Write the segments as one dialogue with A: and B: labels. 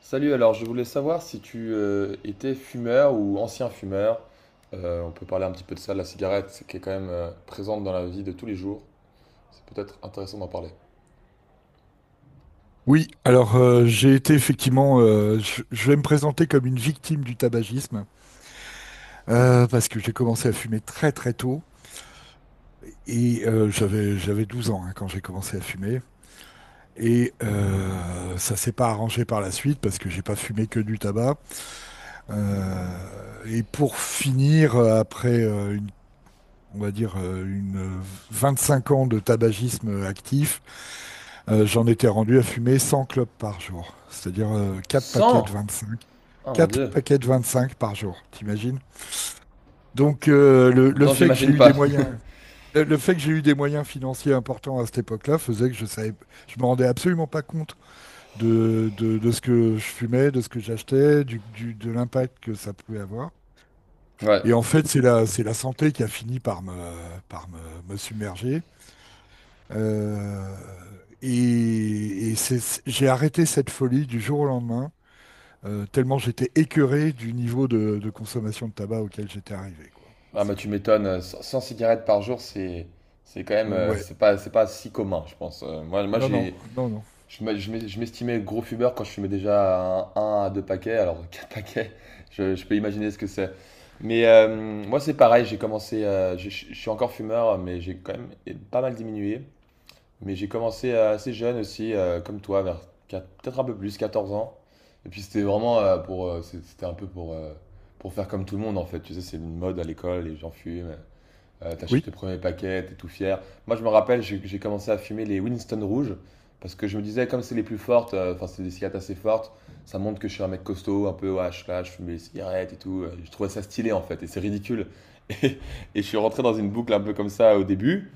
A: Salut, alors je voulais savoir si tu étais fumeur ou ancien fumeur. On peut parler un petit peu de ça, de la cigarette, qui est quand même présente dans la vie de tous les jours. C'est peut-être intéressant d'en parler.
B: Oui, alors j'ai été effectivement, je vais me présenter comme une victime du tabagisme parce que j'ai commencé à fumer très très tôt et j'avais 12 ans, hein, quand j'ai commencé à fumer, et ça s'est pas arrangé par la suite parce que j'ai pas fumé que du tabac. Et pour finir, après une on va dire, une 25 ans de tabagisme actif, j'en étais rendu à fumer 100 clopes par jour, c'est-à-dire 4 paquets de
A: 100.
B: 25.
A: Ah mon
B: Quatre
A: Dieu!
B: paquets de 25 par jour, t'imagines? Donc le
A: Non,
B: fait que j'ai
A: j'imagine
B: eu des
A: pas.
B: moyens, le fait que j'ai eu des moyens financiers importants à cette époque-là faisait que je savais, je me rendais absolument pas compte de ce que je fumais, de ce que j'achetais, de l'impact que ça pouvait avoir.
A: Ouais.
B: Et en fait, c'est la santé qui a fini par me submerger. Euh, et et c'est- j'ai arrêté cette folie du jour au lendemain, tellement j'étais écœuré du niveau de consommation de tabac auquel j'étais arrivé, quoi.
A: Ah bah tu m'étonnes, 100 100 cigarettes par jour, c'est quand même euh,
B: Ouais,
A: c'est pas c'est pas si commun, je pense. Moi
B: non, non,
A: j'ai.
B: non, non.
A: Je m'estimais gros fumeur quand je fumais déjà un à deux paquets, alors quatre paquets, je peux imaginer ce que c'est. Mais moi c'est pareil, j'ai commencé, je suis encore fumeur, mais j'ai quand même pas mal diminué. Mais j'ai commencé assez jeune aussi, comme toi, vers peut-être un peu plus, 14 ans. Et puis c'était vraiment c'était un peu pour faire comme tout le monde en fait. Tu sais, c'est une mode à l'école, les gens fument. T'achètes
B: Oui,
A: tes premiers paquets, t'es tout fier. Moi, je me rappelle, j'ai commencé à fumer les Winston rouges parce que je me disais, comme c'est les plus fortes, enfin, c'est des cigarettes assez fortes, ça montre que je suis un mec costaud, un peu, ouais, je suis là, je fume des cigarettes et tout. Je trouvais ça stylé en fait et c'est ridicule. Et, et je suis rentré dans une boucle un peu comme ça au début.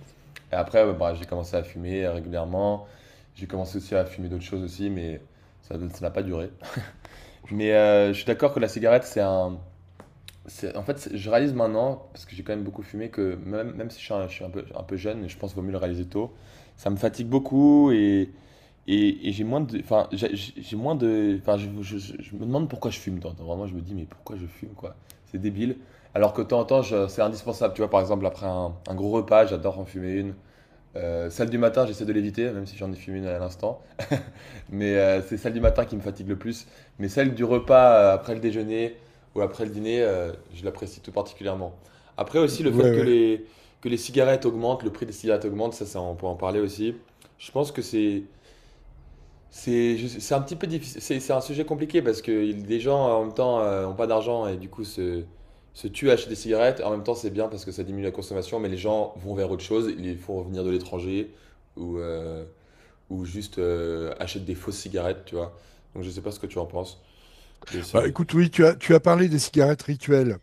A: Et après, ouais, bah, j'ai commencé à fumer régulièrement. J'ai commencé aussi à fumer d'autres choses aussi, mais ça n'a pas duré. Mais je suis d'accord que la cigarette, en fait, je réalise maintenant, parce que j'ai quand même beaucoup fumé, que même si je suis un peu jeune, je pense qu'il vaut mieux le réaliser tôt, ça me fatigue beaucoup, et j'ai moins de... Enfin, j'ai moins de... Enfin, je me demande pourquoi je fume. Tant- tant. Vraiment, je me dis, mais pourquoi je fume, quoi? C'est débile. Alors que de temps en temps, c'est indispensable. Tu vois, par exemple, après un gros repas, j'adore en fumer une. Celle du matin, j'essaie de l'éviter, même si j'en ai fumé une à l'instant. Mais c'est celle du matin qui me fatigue le plus. Mais celle du repas après le déjeuner ou après le dîner, je l'apprécie tout particulièrement. Après aussi, le
B: ouais,
A: fait
B: ouais.
A: que les cigarettes augmentent, le prix des cigarettes augmente, on peut en parler aussi. Je pense que c'est un petit peu difficile. C'est un sujet compliqué parce que des gens en même temps ont pas d'argent et du coup se tuent à acheter des cigarettes. En même temps, c'est bien parce que ça diminue la consommation, mais les gens vont vers autre chose. Ils font revenir de l'étranger ou, euh, ou juste achète des fausses cigarettes, tu vois. Donc je sais pas ce que tu en penses de ce.
B: Bah, écoute, oui, tu as parlé des cigarettes rituelles.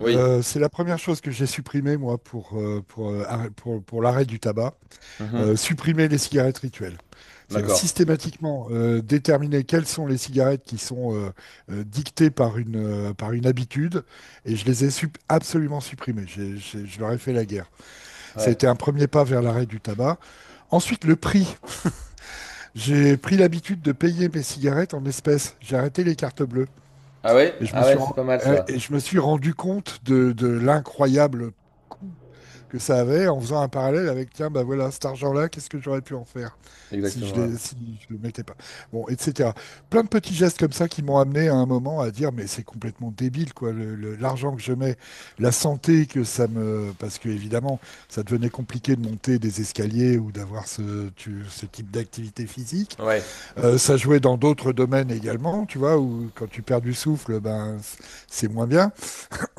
A: Oui.
B: C'est la première chose que j'ai supprimée, moi, pour l'arrêt du tabac.
A: Mhm.
B: Supprimer les cigarettes rituelles. C'est-à-dire
A: D'accord.
B: systématiquement déterminer quelles sont les cigarettes qui sont dictées par par une habitude, et je les ai absolument supprimées. Je leur ai fait la guerre. Ça a
A: Ouais.
B: été un premier pas vers l'arrêt du tabac. Ensuite, le prix. J'ai pris l'habitude de payer mes cigarettes en espèces. J'ai arrêté les cartes bleues.
A: Ah ouais?
B: Et je me
A: Ah
B: suis,
A: ouais,
B: ren-
A: c'est pas mal ça.
B: et je me suis rendu compte de l'incroyable coût que ça avait, en faisant un parallèle avec, tiens, bah voilà, cet argent-là, qu'est-ce que j'aurais pu en faire
A: Exactement.
B: si je le mettais pas. Bon, etc. Plein de petits gestes comme ça qui m'ont amené à un moment à dire, mais c'est complètement débile, quoi, l'argent que je mets, la santé que ça me... Parce que, évidemment, ça devenait compliqué de monter des escaliers ou d'avoir ce type d'activité physique.
A: Ouais. Ouais.
B: Ça jouait dans d'autres domaines également, tu vois, où quand tu perds du souffle, ben, c'est moins bien.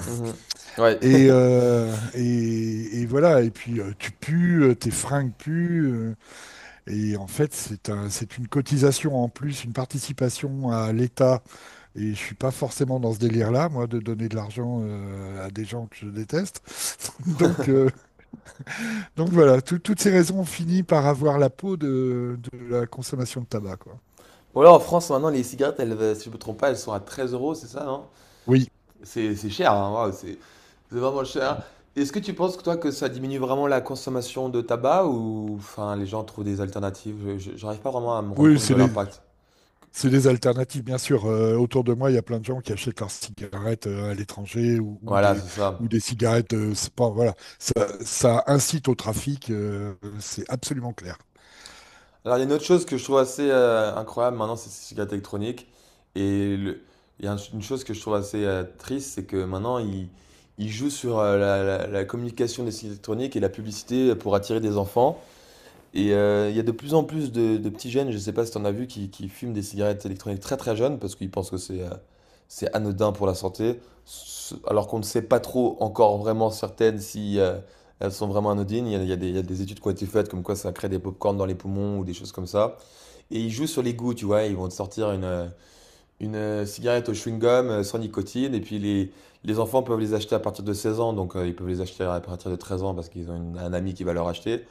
A: Mhm. Ouais.
B: Et voilà, et puis tu pues, tes fringues puent, et en fait c'est une cotisation en plus, une participation à l'État, et je suis pas forcément dans ce délire-là, moi, de donner de l'argent à des gens que je déteste. Donc, euh, donc voilà, toutes ces raisons ont fini par avoir la peau de la consommation de tabac, quoi.
A: Bon, là en France maintenant les cigarettes, elles, si je me trompe pas, elles sont à 13 euros, c'est ça, non?
B: Oui,
A: C'est cher, hein, waouh, c'est vraiment cher. Est-ce que tu penses que toi que ça diminue vraiment la consommation de tabac ou enfin les gens trouvent des alternatives? J'arrive pas vraiment à me rendre
B: oui,
A: compte
B: c'est
A: de
B: des...
A: l'impact.
B: C'est des alternatives, bien sûr. Autour de moi, il y a plein de gens qui achètent leurs cigarettes à l'étranger
A: Voilà, c'est ça.
B: ou des cigarettes. C'est pas- voilà. Ça incite au trafic, c'est absolument clair.
A: Alors, il y a une autre chose que je trouve assez incroyable maintenant, c'est ces cigarettes électroniques. Et le- il y a un- une chose que je trouve assez triste, c'est que maintenant, ils jouent sur la communication des cigarettes électroniques et la publicité pour attirer des enfants. Et il y a de plus en plus de petits jeunes, je ne sais pas si tu en as vu, qui fument des cigarettes électroniques très très jeunes parce qu'ils pensent que c'est anodin pour la santé, alors qu'on ne sait pas trop encore vraiment certaines si elles sont vraiment anodines. Il y a des études qui ont été faites comme quoi ça crée des pop-corns dans les poumons ou des choses comme ça. Et ils jouent sur les goûts, tu vois, ils vont te sortir une cigarette au chewing-gum sans nicotine et puis les enfants peuvent les acheter à partir de 16 ans, donc ils peuvent les acheter à partir de 13 ans parce qu'ils ont un ami qui va leur acheter.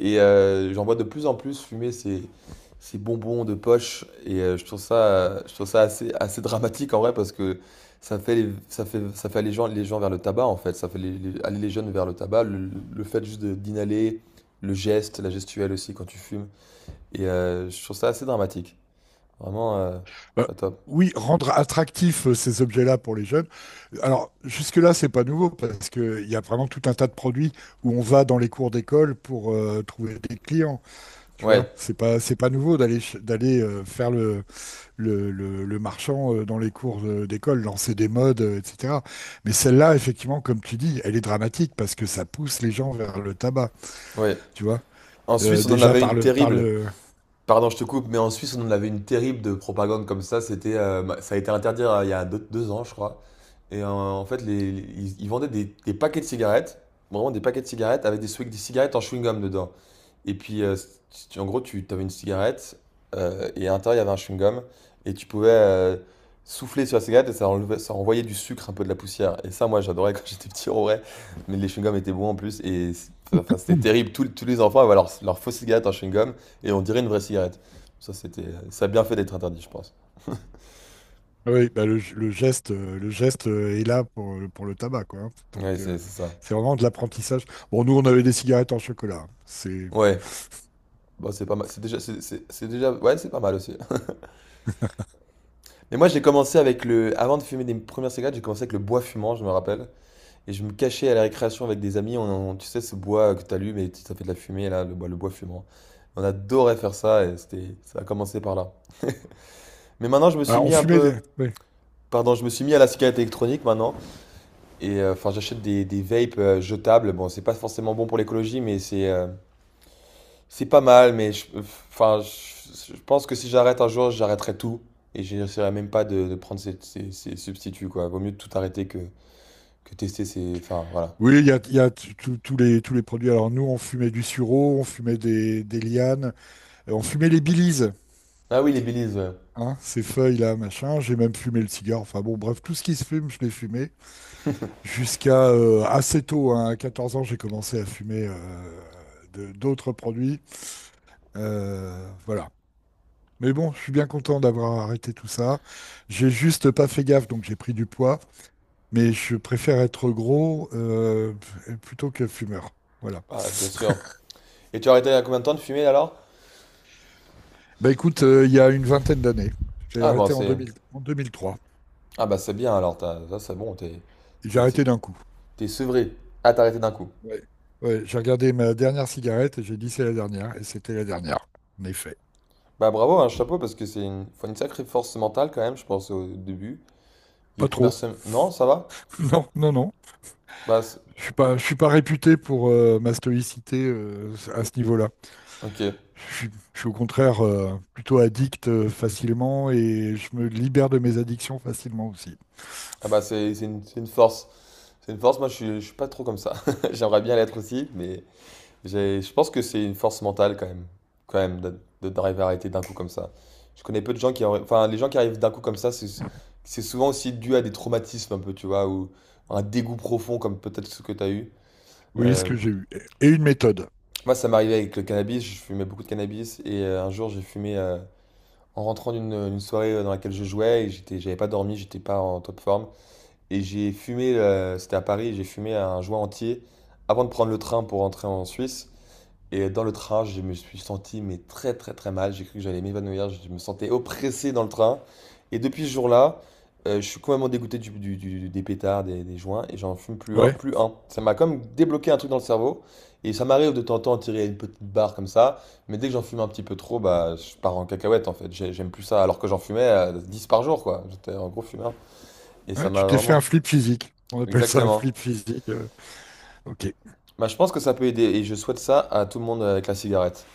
A: Et j'en vois de plus en plus fumer ces bonbons de poche. Et je trouve ça assez, assez dramatique en vrai parce que ça fait aller les gens vers le tabac en fait. Ça fait aller les jeunes vers le tabac. Le fait juste d'inhaler, le geste, la gestuelle aussi quand tu fumes. Et je trouve ça assez dramatique. Vraiment
B: Euh,
A: pas top.
B: oui, rendre attractifs ces objets-là pour les jeunes. Alors, jusque-là, c'est pas nouveau parce qu'il y a vraiment tout un tas de produits où on va dans les cours d'école pour trouver des clients. Tu vois,
A: Ouais,
B: c'est pas nouveau d'aller faire le marchand dans les cours d'école, lancer des modes, etc. Mais celle-là, effectivement, comme tu dis, elle est dramatique parce que ça pousse les gens vers le tabac,
A: ouais.
B: tu vois.
A: En Suisse, on en
B: Déjà
A: avait une
B: par
A: terrible.
B: le,
A: Pardon, je te coupe, mais en Suisse, on avait une terrible de propagande comme ça. C'était, ça a été interdit il y a 2 ans, je crois. Et en fait, ils vendaient des paquets de cigarettes, vraiment des paquets de cigarettes avec des cigarettes en chewing-gum dedans. Et puis, si en gros, tu avais une cigarette et à l'intérieur, il y avait un chewing-gum. Et tu pouvais souffler sur la cigarette et ça, enlevait, ça envoyait du sucre, un peu de la poussière. Et ça, moi, j'adorais quand j'étais petit, en vrai. Mais les chewing-gums étaient bons en plus. Et enfin, c'était
B: Mm.
A: terrible. Tous les enfants avaient leur fausse cigarette en chewing-gum et on dirait une vraie cigarette. Ça, c'était, ça a bien fait d'être interdit, je pense.
B: Oui, bah, le geste est là pour, pour le tabac, quoi, hein.
A: Ouais,
B: Donc,
A: c'est ça.
B: c'est vraiment de l'apprentissage. Bon, nous, on avait des cigarettes en chocolat, hein. C'est,
A: Ouais. Bon, c'est pas mal. C'est déjà, ouais, c'est pas mal aussi. Mais moi, j'ai commencé avec le. Avant de fumer des premières cigarettes, j'ai commencé avec le bois fumant, je me rappelle. Et je me cachais à la récréation avec des amis, tu sais, ce bois que t'allumes et ça fait de la fumée, là, le bois fumant. On adorait faire ça et c'était, ça a commencé par là. Mais maintenant, je me suis mis un peu,
B: Oui,
A: pardon, je me suis mis à la cigarette électronique maintenant. Et enfin, j'achète des vapes jetables. Bon, c'est pas forcément bon pour l'écologie, mais c'est pas mal. Mais enfin, je pense que si j'arrête un jour, j'arrêterai tout. Et j'essaierai même pas de prendre ces substituts, quoi. Vaut mieux tout arrêter que, tester ces. Enfin, voilà.
B: oui, il y a, tous tous les produits. Alors nous, on fumait du sureau, on fumait des lianes, on fumait les bilises.
A: Ah oui, les Baileys, ouais.
B: Hein, ces feuilles-là, machin. J'ai même fumé le cigare. Enfin bon, bref, tout ce qui se fume, je l'ai fumé. Jusqu'à assez tôt, hein, à 14 ans, j'ai commencé à fumer d'autres produits. Voilà. Mais bon, je suis bien content d'avoir arrêté tout ça. J'ai juste pas fait gaffe, donc j'ai pris du poids. Mais je préfère être gros plutôt que fumeur. Voilà.
A: Ah, bien sûr. Et tu as arrêté il y a combien de temps de fumer alors?
B: Bah écoute, il y a une vingtaine d'années, j'ai
A: Ah bon
B: arrêté en
A: c'est.
B: 2000 en 2003.
A: Ah bah c'est bien alors, ça c'est bon,
B: J'ai
A: t'es-
B: arrêté
A: t'es-
B: d'un coup.
A: t'es sevré. Ah t'as arrêté d'un coup.
B: Ouais. Ouais, j'ai regardé ma dernière cigarette et j'ai dit c'est la dernière, et c'était la dernière, en effet.
A: Bah bravo, un chapeau parce que faut une sacrée force mentale quand même, je pense au début. Les
B: Pas
A: premières
B: trop.
A: semaines. Non, ça va?
B: Non, non, non.
A: Bah c'est-.
B: Je suis pas réputé pour ma stoïcité à ce niveau-là.
A: Ok.
B: Je suis au contraire plutôt addict facilement et je me libère de mes addictions facilement aussi.
A: Ah bah c'est une force. C'est une force, moi je suis pas trop comme ça. J'aimerais bien l'être aussi, mais je pense que c'est une force mentale quand même, de, d'arriver à arrêter d'un coup comme ça. Je connais peu de gens qui, enfin, les gens qui arrivent d'un coup comme ça, c'est souvent aussi dû à des traumatismes un peu, tu vois, ou un dégoût profond comme peut-être ce que tu as eu.
B: Oui, ce
A: Euh,
B: que j'ai eu. Et une méthode.
A: moi, ça m'est arrivé avec le cannabis, je fumais beaucoup de cannabis et un jour, j'ai fumé en rentrant d'une soirée dans laquelle je jouais et j'avais pas dormi, j'étais pas en top forme et j'ai fumé, c'était à Paris, j'ai fumé un joint entier avant de prendre le train pour rentrer en Suisse. Et dans le train, je me suis senti mais très très très mal. J'ai cru que j'allais m'évanouir. Je me sentais oppressé dans le train. Et depuis ce jour-là, je suis complètement dégoûté des pétards, des joints, et j'en fume plus un,
B: Ouais.
A: plus un. Ça m'a comme débloqué un truc dans le cerveau. Et ça m'arrive de temps en temps de tirer une petite barre comme ça. Mais dès que j'en fume un petit peu trop, bah, je pars en cacahuète en fait. J'aime plus ça. Alors que j'en fumais 10 par jour, quoi. J'étais un gros fumeur. Et ça
B: Ouais, tu
A: m'a
B: t'es fait
A: vraiment.
B: un flip physique. On appelle ça un
A: Exactement.
B: flip physique. Ok.
A: Bah, je pense que ça peut aider. Et je souhaite ça à tout le monde avec la cigarette.